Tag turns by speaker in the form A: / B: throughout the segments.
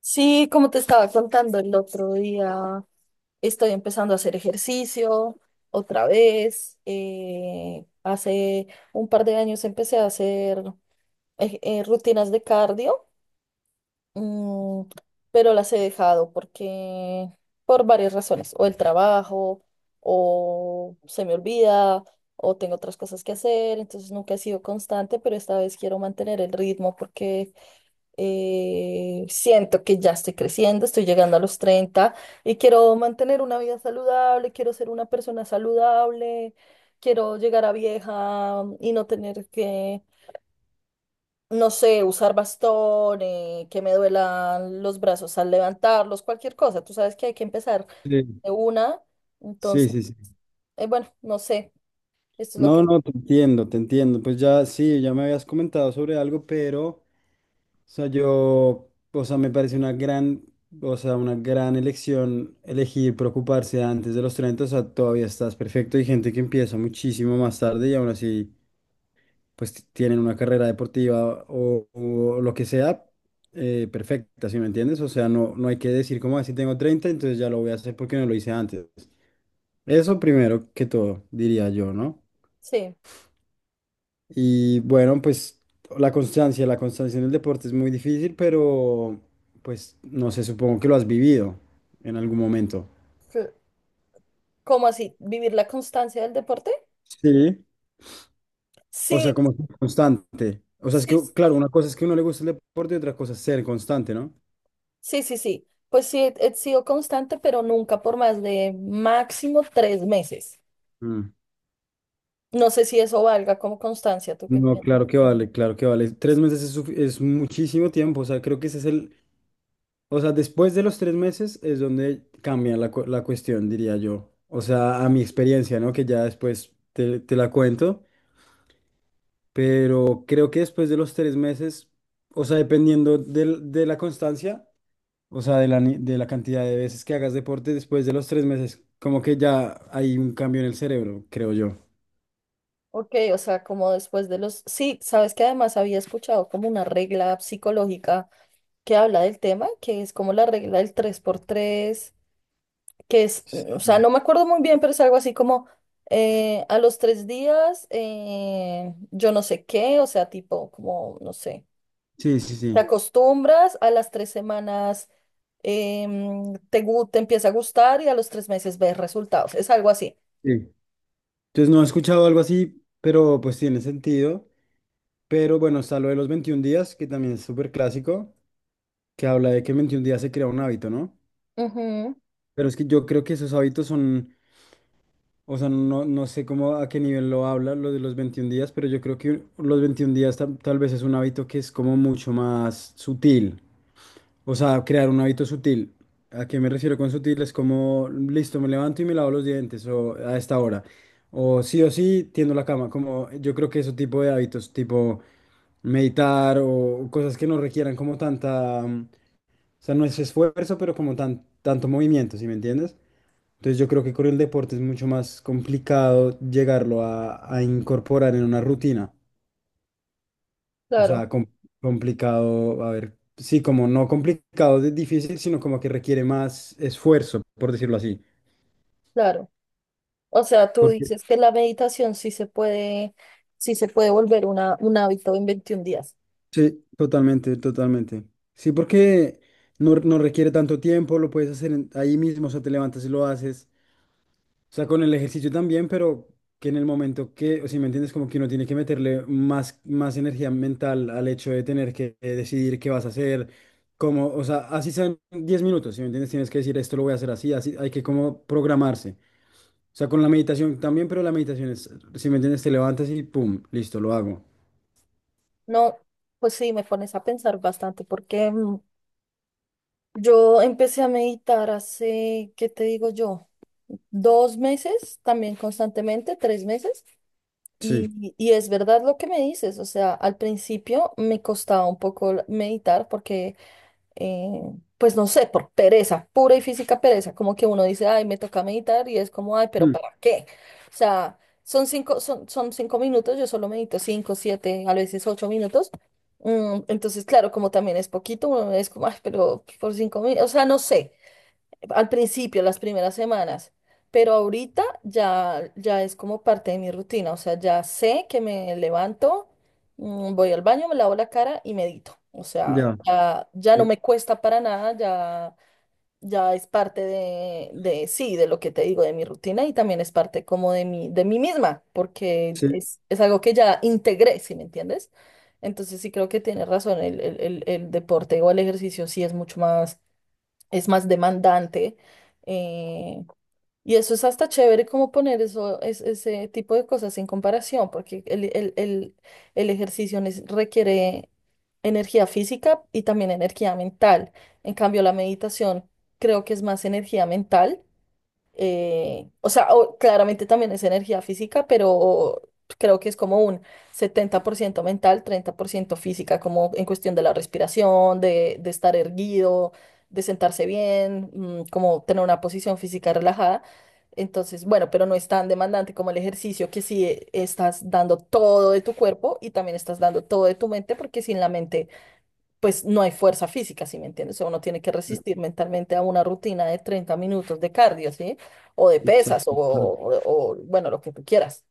A: Sí, como te estaba contando el otro día, estoy empezando a hacer ejercicio otra vez. Hace un par de años empecé a hacer rutinas de cardio, mm, pero las he dejado porque por varias razones, o el trabajo, o se me olvida, o tengo otras cosas que hacer, entonces nunca he sido constante, pero esta vez quiero mantener el ritmo porque siento que ya estoy creciendo, estoy llegando a los 30 y quiero mantener una vida saludable, quiero ser una persona saludable, quiero llegar a vieja y no tener que, no sé, usar bastón, que me duelan los brazos al levantarlos, cualquier cosa. Tú sabes que hay que empezar
B: Sí,
A: de una, entonces,
B: sí, sí.
A: bueno, no sé, esto es lo que,
B: No, no, te entiendo, te entiendo. Pues ya, sí, ya me habías comentado sobre algo, pero, o sea, yo, o sea, me parece una gran, o sea, una gran elección elegir preocuparse antes de los 30, o sea, todavía estás perfecto. Hay gente que empieza muchísimo más tarde y aún así, pues tienen una carrera deportiva o lo que sea, perfecta, ¿si me entiendes? O sea, no, no hay que decir como así tengo 30, entonces ya lo voy a hacer porque no lo hice antes. Eso primero que todo, diría yo, ¿no?
A: sí,
B: Y bueno, pues la constancia en el deporte es muy difícil, pero pues no sé, supongo que lo has vivido en algún momento.
A: cl- ¿cómo así? ¿Vivir la constancia del deporte?
B: Sí. O
A: Sí,
B: sea, como ser constante. O sea, es que,
A: sí,
B: claro, una cosa es que a uno le gusta el deporte y otra cosa es ser constante, ¿no?
A: sí, sí, sí. Pues sí, he sido constante, pero nunca por más de máximo 3 meses.
B: Mm.
A: No sé si eso valga como constancia, ¿tú qué
B: No, claro
A: piensas?
B: que vale, claro que vale. Tres meses es, es muchísimo tiempo, o sea, creo que ese es el... O sea, después de los tres meses es donde cambia la, la cuestión, diría yo. O sea, a mi experiencia, ¿no? Que ya después te, te la cuento. Pero creo que después de los tres meses, o sea, dependiendo de la constancia, o sea, de la, de la cantidad de veces que hagas deporte, después de los tres meses, como que ya hay un cambio en el cerebro, creo yo.
A: Ok, o sea, como después de los... Sí, sabes que además había escuchado como una regla psicológica que habla del tema, que es como la regla del tres por tres, que es, mm, o sea, no me acuerdo muy bien, pero es algo así como a los 3 días, yo no sé qué, o sea, tipo, como, no sé.
B: Sí, sí,
A: Te
B: sí.
A: acostumbras, a las 3 semanas te empieza a gustar y a los 3 meses ves resultados. Es algo así.
B: Sí. Entonces no he escuchado algo así, pero pues tiene sentido. Pero bueno, está lo de los 21 días, que también es súper clásico, que habla de que en 21 días se crea un hábito, ¿no?
A: Ujú,
B: Pero es que yo creo que esos hábitos son... O sea, no, no sé cómo a qué nivel lo habla lo de los 21 días, pero yo creo que los 21 días tal, tal vez es un hábito que es como mucho más sutil. O sea, crear un hábito sutil. ¿A qué me refiero con sutil? Es como, listo, me levanto y me lavo los dientes o a esta hora. O sí, tiendo la cama. Como yo creo que ese tipo de hábitos, tipo meditar o cosas que no requieran como tanta o sea, no es esfuerzo, pero como tan, tanto movimiento, ¿sí me entiendes? Entonces yo creo que con el deporte es mucho más complicado llegarlo a incorporar en una rutina. O
A: claro,
B: sea, complicado, a ver, sí, como no complicado de difícil, sino como que requiere más esfuerzo, por decirlo así.
A: claro. O sea, tú
B: Porque,
A: dices que la meditación sí se puede volver una, un hábito en 21 días.
B: sí, totalmente, totalmente. Sí, porque no, no requiere tanto tiempo, lo puedes hacer ahí mismo, o sea, te levantas y lo haces. O sea, con el ejercicio también, pero que en el momento que, o si me entiendes, como que uno tiene que meterle más, más energía mental al hecho de tener que decidir qué vas a hacer, como, o sea, así sean 10 minutos, si me entiendes, tienes que decir esto lo voy a hacer así, así, hay que como programarse. O sea, con la meditación también, pero la meditación es, si me entiendes, te levantas y pum, listo, lo hago.
A: No, pues sí, me pones a pensar bastante porque yo empecé a meditar hace, ¿qué te digo yo? 2 meses, también constantemente, 3 meses.
B: Sí.
A: Y es verdad lo que me dices, o sea, al principio me costaba un poco meditar porque, eh, pues no sé, por pereza, pura y física pereza, como que uno dice, ay, me toca meditar y es como, ay, pero
B: Mm.
A: ¿para qué? O sea, son 5 minutos, yo solo medito 5, 7, a veces 8 minutos. Entonces, claro, como también es poquito, uno es como, ay, pero por 5 minutos, o sea, no sé al principio, las primeras semanas, pero ahorita ya, ya es como parte de mi rutina, o sea, ya sé que me levanto, voy al baño, me lavo la cara y medito, o sea,
B: Ya.
A: ya, ya no
B: Sí,
A: me cuesta para nada, ya, ya es parte de, sí, de lo que te digo, de mi rutina y también es parte como de mi, de mí misma, porque
B: sí,
A: es algo que ya integré, ¿si me entiendes? Entonces sí creo que tienes razón, el deporte o el ejercicio sí es mucho más es más demandante. eh, y eso es hasta chévere como poner eso, ese tipo de cosas en comparación, porque el ejercicio requiere energía física y también energía mental. En cambio, la meditación creo que es más energía mental, o sea, claramente también es energía física, pero creo que es como un 70% mental, 30% física, como en cuestión de la respiración, de estar erguido, de sentarse bien, como tener una posición física relajada. Entonces, bueno, pero no es tan demandante como el ejercicio, que sí, estás dando todo de tu cuerpo y también estás dando todo de tu mente, porque sin la mente pues no hay fuerza física, ¿sí me entiendes? O sea, uno tiene que resistir mentalmente a una rutina de 30 minutos de cardio, ¿sí? O de pesas, o,
B: exacto.
A: o- o, bueno, lo que tú quieras.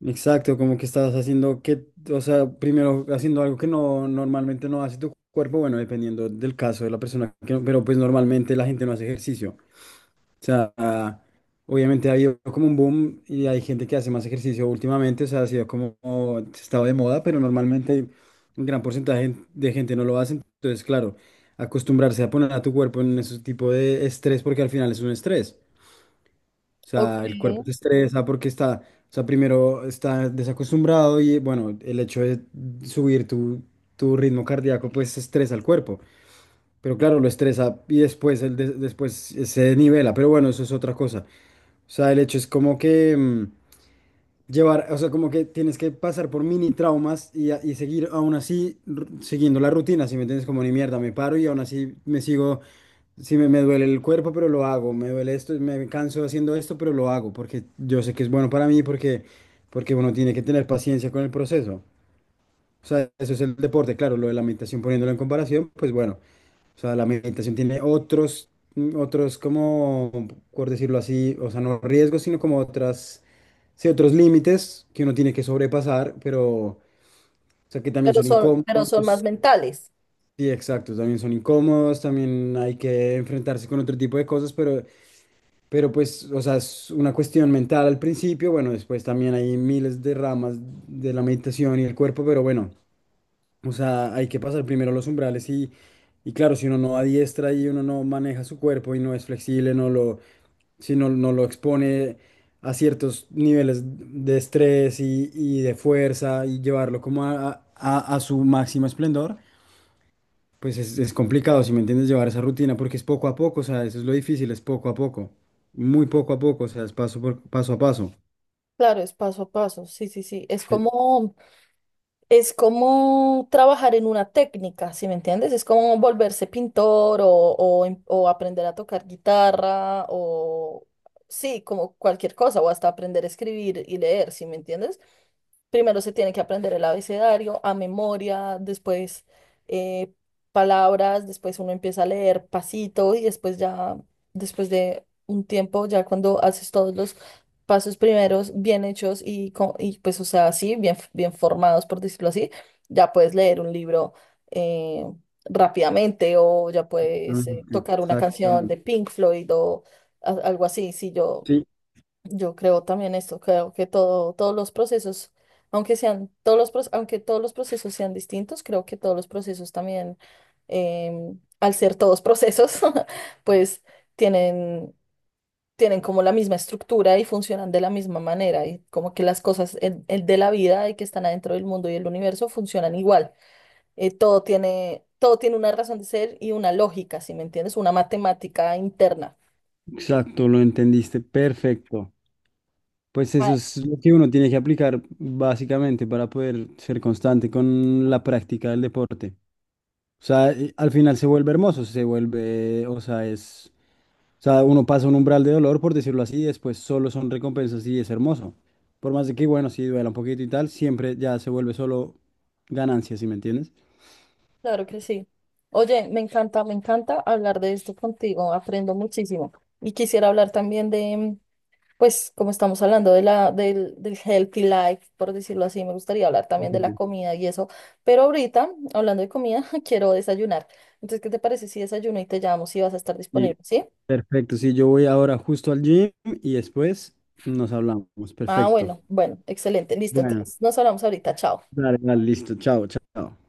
B: Exacto, como que estás haciendo que, o sea, primero haciendo algo que no normalmente no hace tu cuerpo, bueno, dependiendo del caso de la persona, que no- pero pues normalmente la gente no hace ejercicio. O sea, ah, obviamente ha habido como un boom y hay gente que hace más ejercicio últimamente, o sea, ha sido como como estado de moda, pero normalmente un gran porcentaje de gente no lo hace. Entonces, claro, acostumbrarse a poner a tu cuerpo en ese tipo de estrés, porque al final es un estrés. O
A: Ok.
B: sea, el cuerpo se estresa porque está, o sea, primero está desacostumbrado y bueno, el hecho de subir tu, tu ritmo cardíaco pues estresa al cuerpo. Pero claro, lo estresa y después, el después se nivela. Pero bueno, eso es otra cosa. O sea, el hecho es como que llevar, o sea, como que tienes que pasar por mini traumas y, y seguir aún así siguiendo la rutina, si me entiendes, como ni mierda, me paro y aún así me sigo. Sí, me duele el cuerpo, pero lo hago. Me duele esto, me canso haciendo esto, pero lo hago porque yo sé que es bueno para mí, porque, porque uno tiene que tener paciencia con el proceso. O sea, eso es el deporte, claro, lo de la meditación poniéndolo en comparación, pues bueno, o sea, la meditación tiene otros, mm, otros como, por decirlo así, o sea, no riesgos, sino como otras, sí, otros límites que uno tiene que sobrepasar, pero... O sea, que también
A: Pero
B: son
A: son, pero son más
B: incómodos.
A: mentales.
B: Sí, exacto, también son incómodos, también hay que enfrentarse con otro tipo de cosas, pero... Pero pues, o sea, es una cuestión mental al principio, bueno, después también hay miles de ramas de la meditación y el cuerpo, pero bueno, o sea, hay que pasar primero los umbrales y claro, si uno no adiestra y uno no maneja su cuerpo y no es flexible, no lo, si no, no lo expone a ciertos niveles de estrés y de fuerza y llevarlo como a a su máximo esplendor. Pues es complicado, si me entiendes, llevar esa rutina porque es poco a poco, o sea, eso es lo difícil, es poco a poco, muy poco a poco, o sea, es paso por, paso a paso.
A: Claro, es paso a paso, sí, sí, sí. Es
B: Eh,
A: como, es como trabajar en una técnica, ¿sí me entiendes? Es como volverse pintor o aprender a tocar guitarra o, sí, como cualquier cosa, o hasta aprender a escribir y leer, ¿sí me entiendes? Primero se tiene que aprender el abecedario a memoria, después eh, palabras, después uno empieza a leer pasito y después ya, después de un tiempo, ya cuando haces todos los pasos primeros bien hechos y pues, o sea, así, bien, bien formados, por decirlo así, ya puedes leer un libro eh, rápidamente o ya
B: ah,
A: puedes tocar una canción de
B: Exactamente.
A: Pink Floyd o algo así. Si yo
B: Sí,
A: yo creo también esto, creo que todos los procesos, aunque sean todos los, proce- aunque todos los procesos sean distintos, creo que todos los procesos también, al ser todos procesos, pues tienen, tienen, como la misma estructura y funcionan de la misma manera y como que las cosas de la vida y que están adentro del mundo y el universo funcionan igual. Todo tiene una razón de ser y una lógica, ¿si me entiendes? Una matemática interna.
B: exacto, lo entendiste, perfecto. Pues eso es lo que uno tiene que aplicar básicamente para poder ser constante con la práctica del deporte. O sea, y al final se vuelve hermoso, se vuelve, o sea, es... O sea, uno pasa un umbral de dolor, por decirlo así, y después solo son recompensas y es hermoso. Por más de que, bueno, sí duela un poquito y tal, siempre ya se vuelve solo ganancia, ¿sí me entiendes?
A: Claro que sí. Oye, me encanta hablar de esto contigo, aprendo muchísimo. Y quisiera hablar también de, pues, como estamos hablando del healthy life, por decirlo así, me gustaría hablar
B: Sí,
A: también
B: sí,
A: de la
B: sí.
A: comida y eso. Pero ahorita, hablando de comida, quiero desayunar. Entonces, ¿qué te parece si desayuno y te llamo si vas a estar
B: Y
A: disponible? ¿Sí?
B: perfecto, sí, yo voy ahora justo al gym y después nos hablamos.
A: Ah,
B: Perfecto.
A: bueno, bueno, excelente, listo.
B: Bueno,
A: Entonces, nos hablamos ahorita, chao.
B: dale, dale, listo. Chao, chao.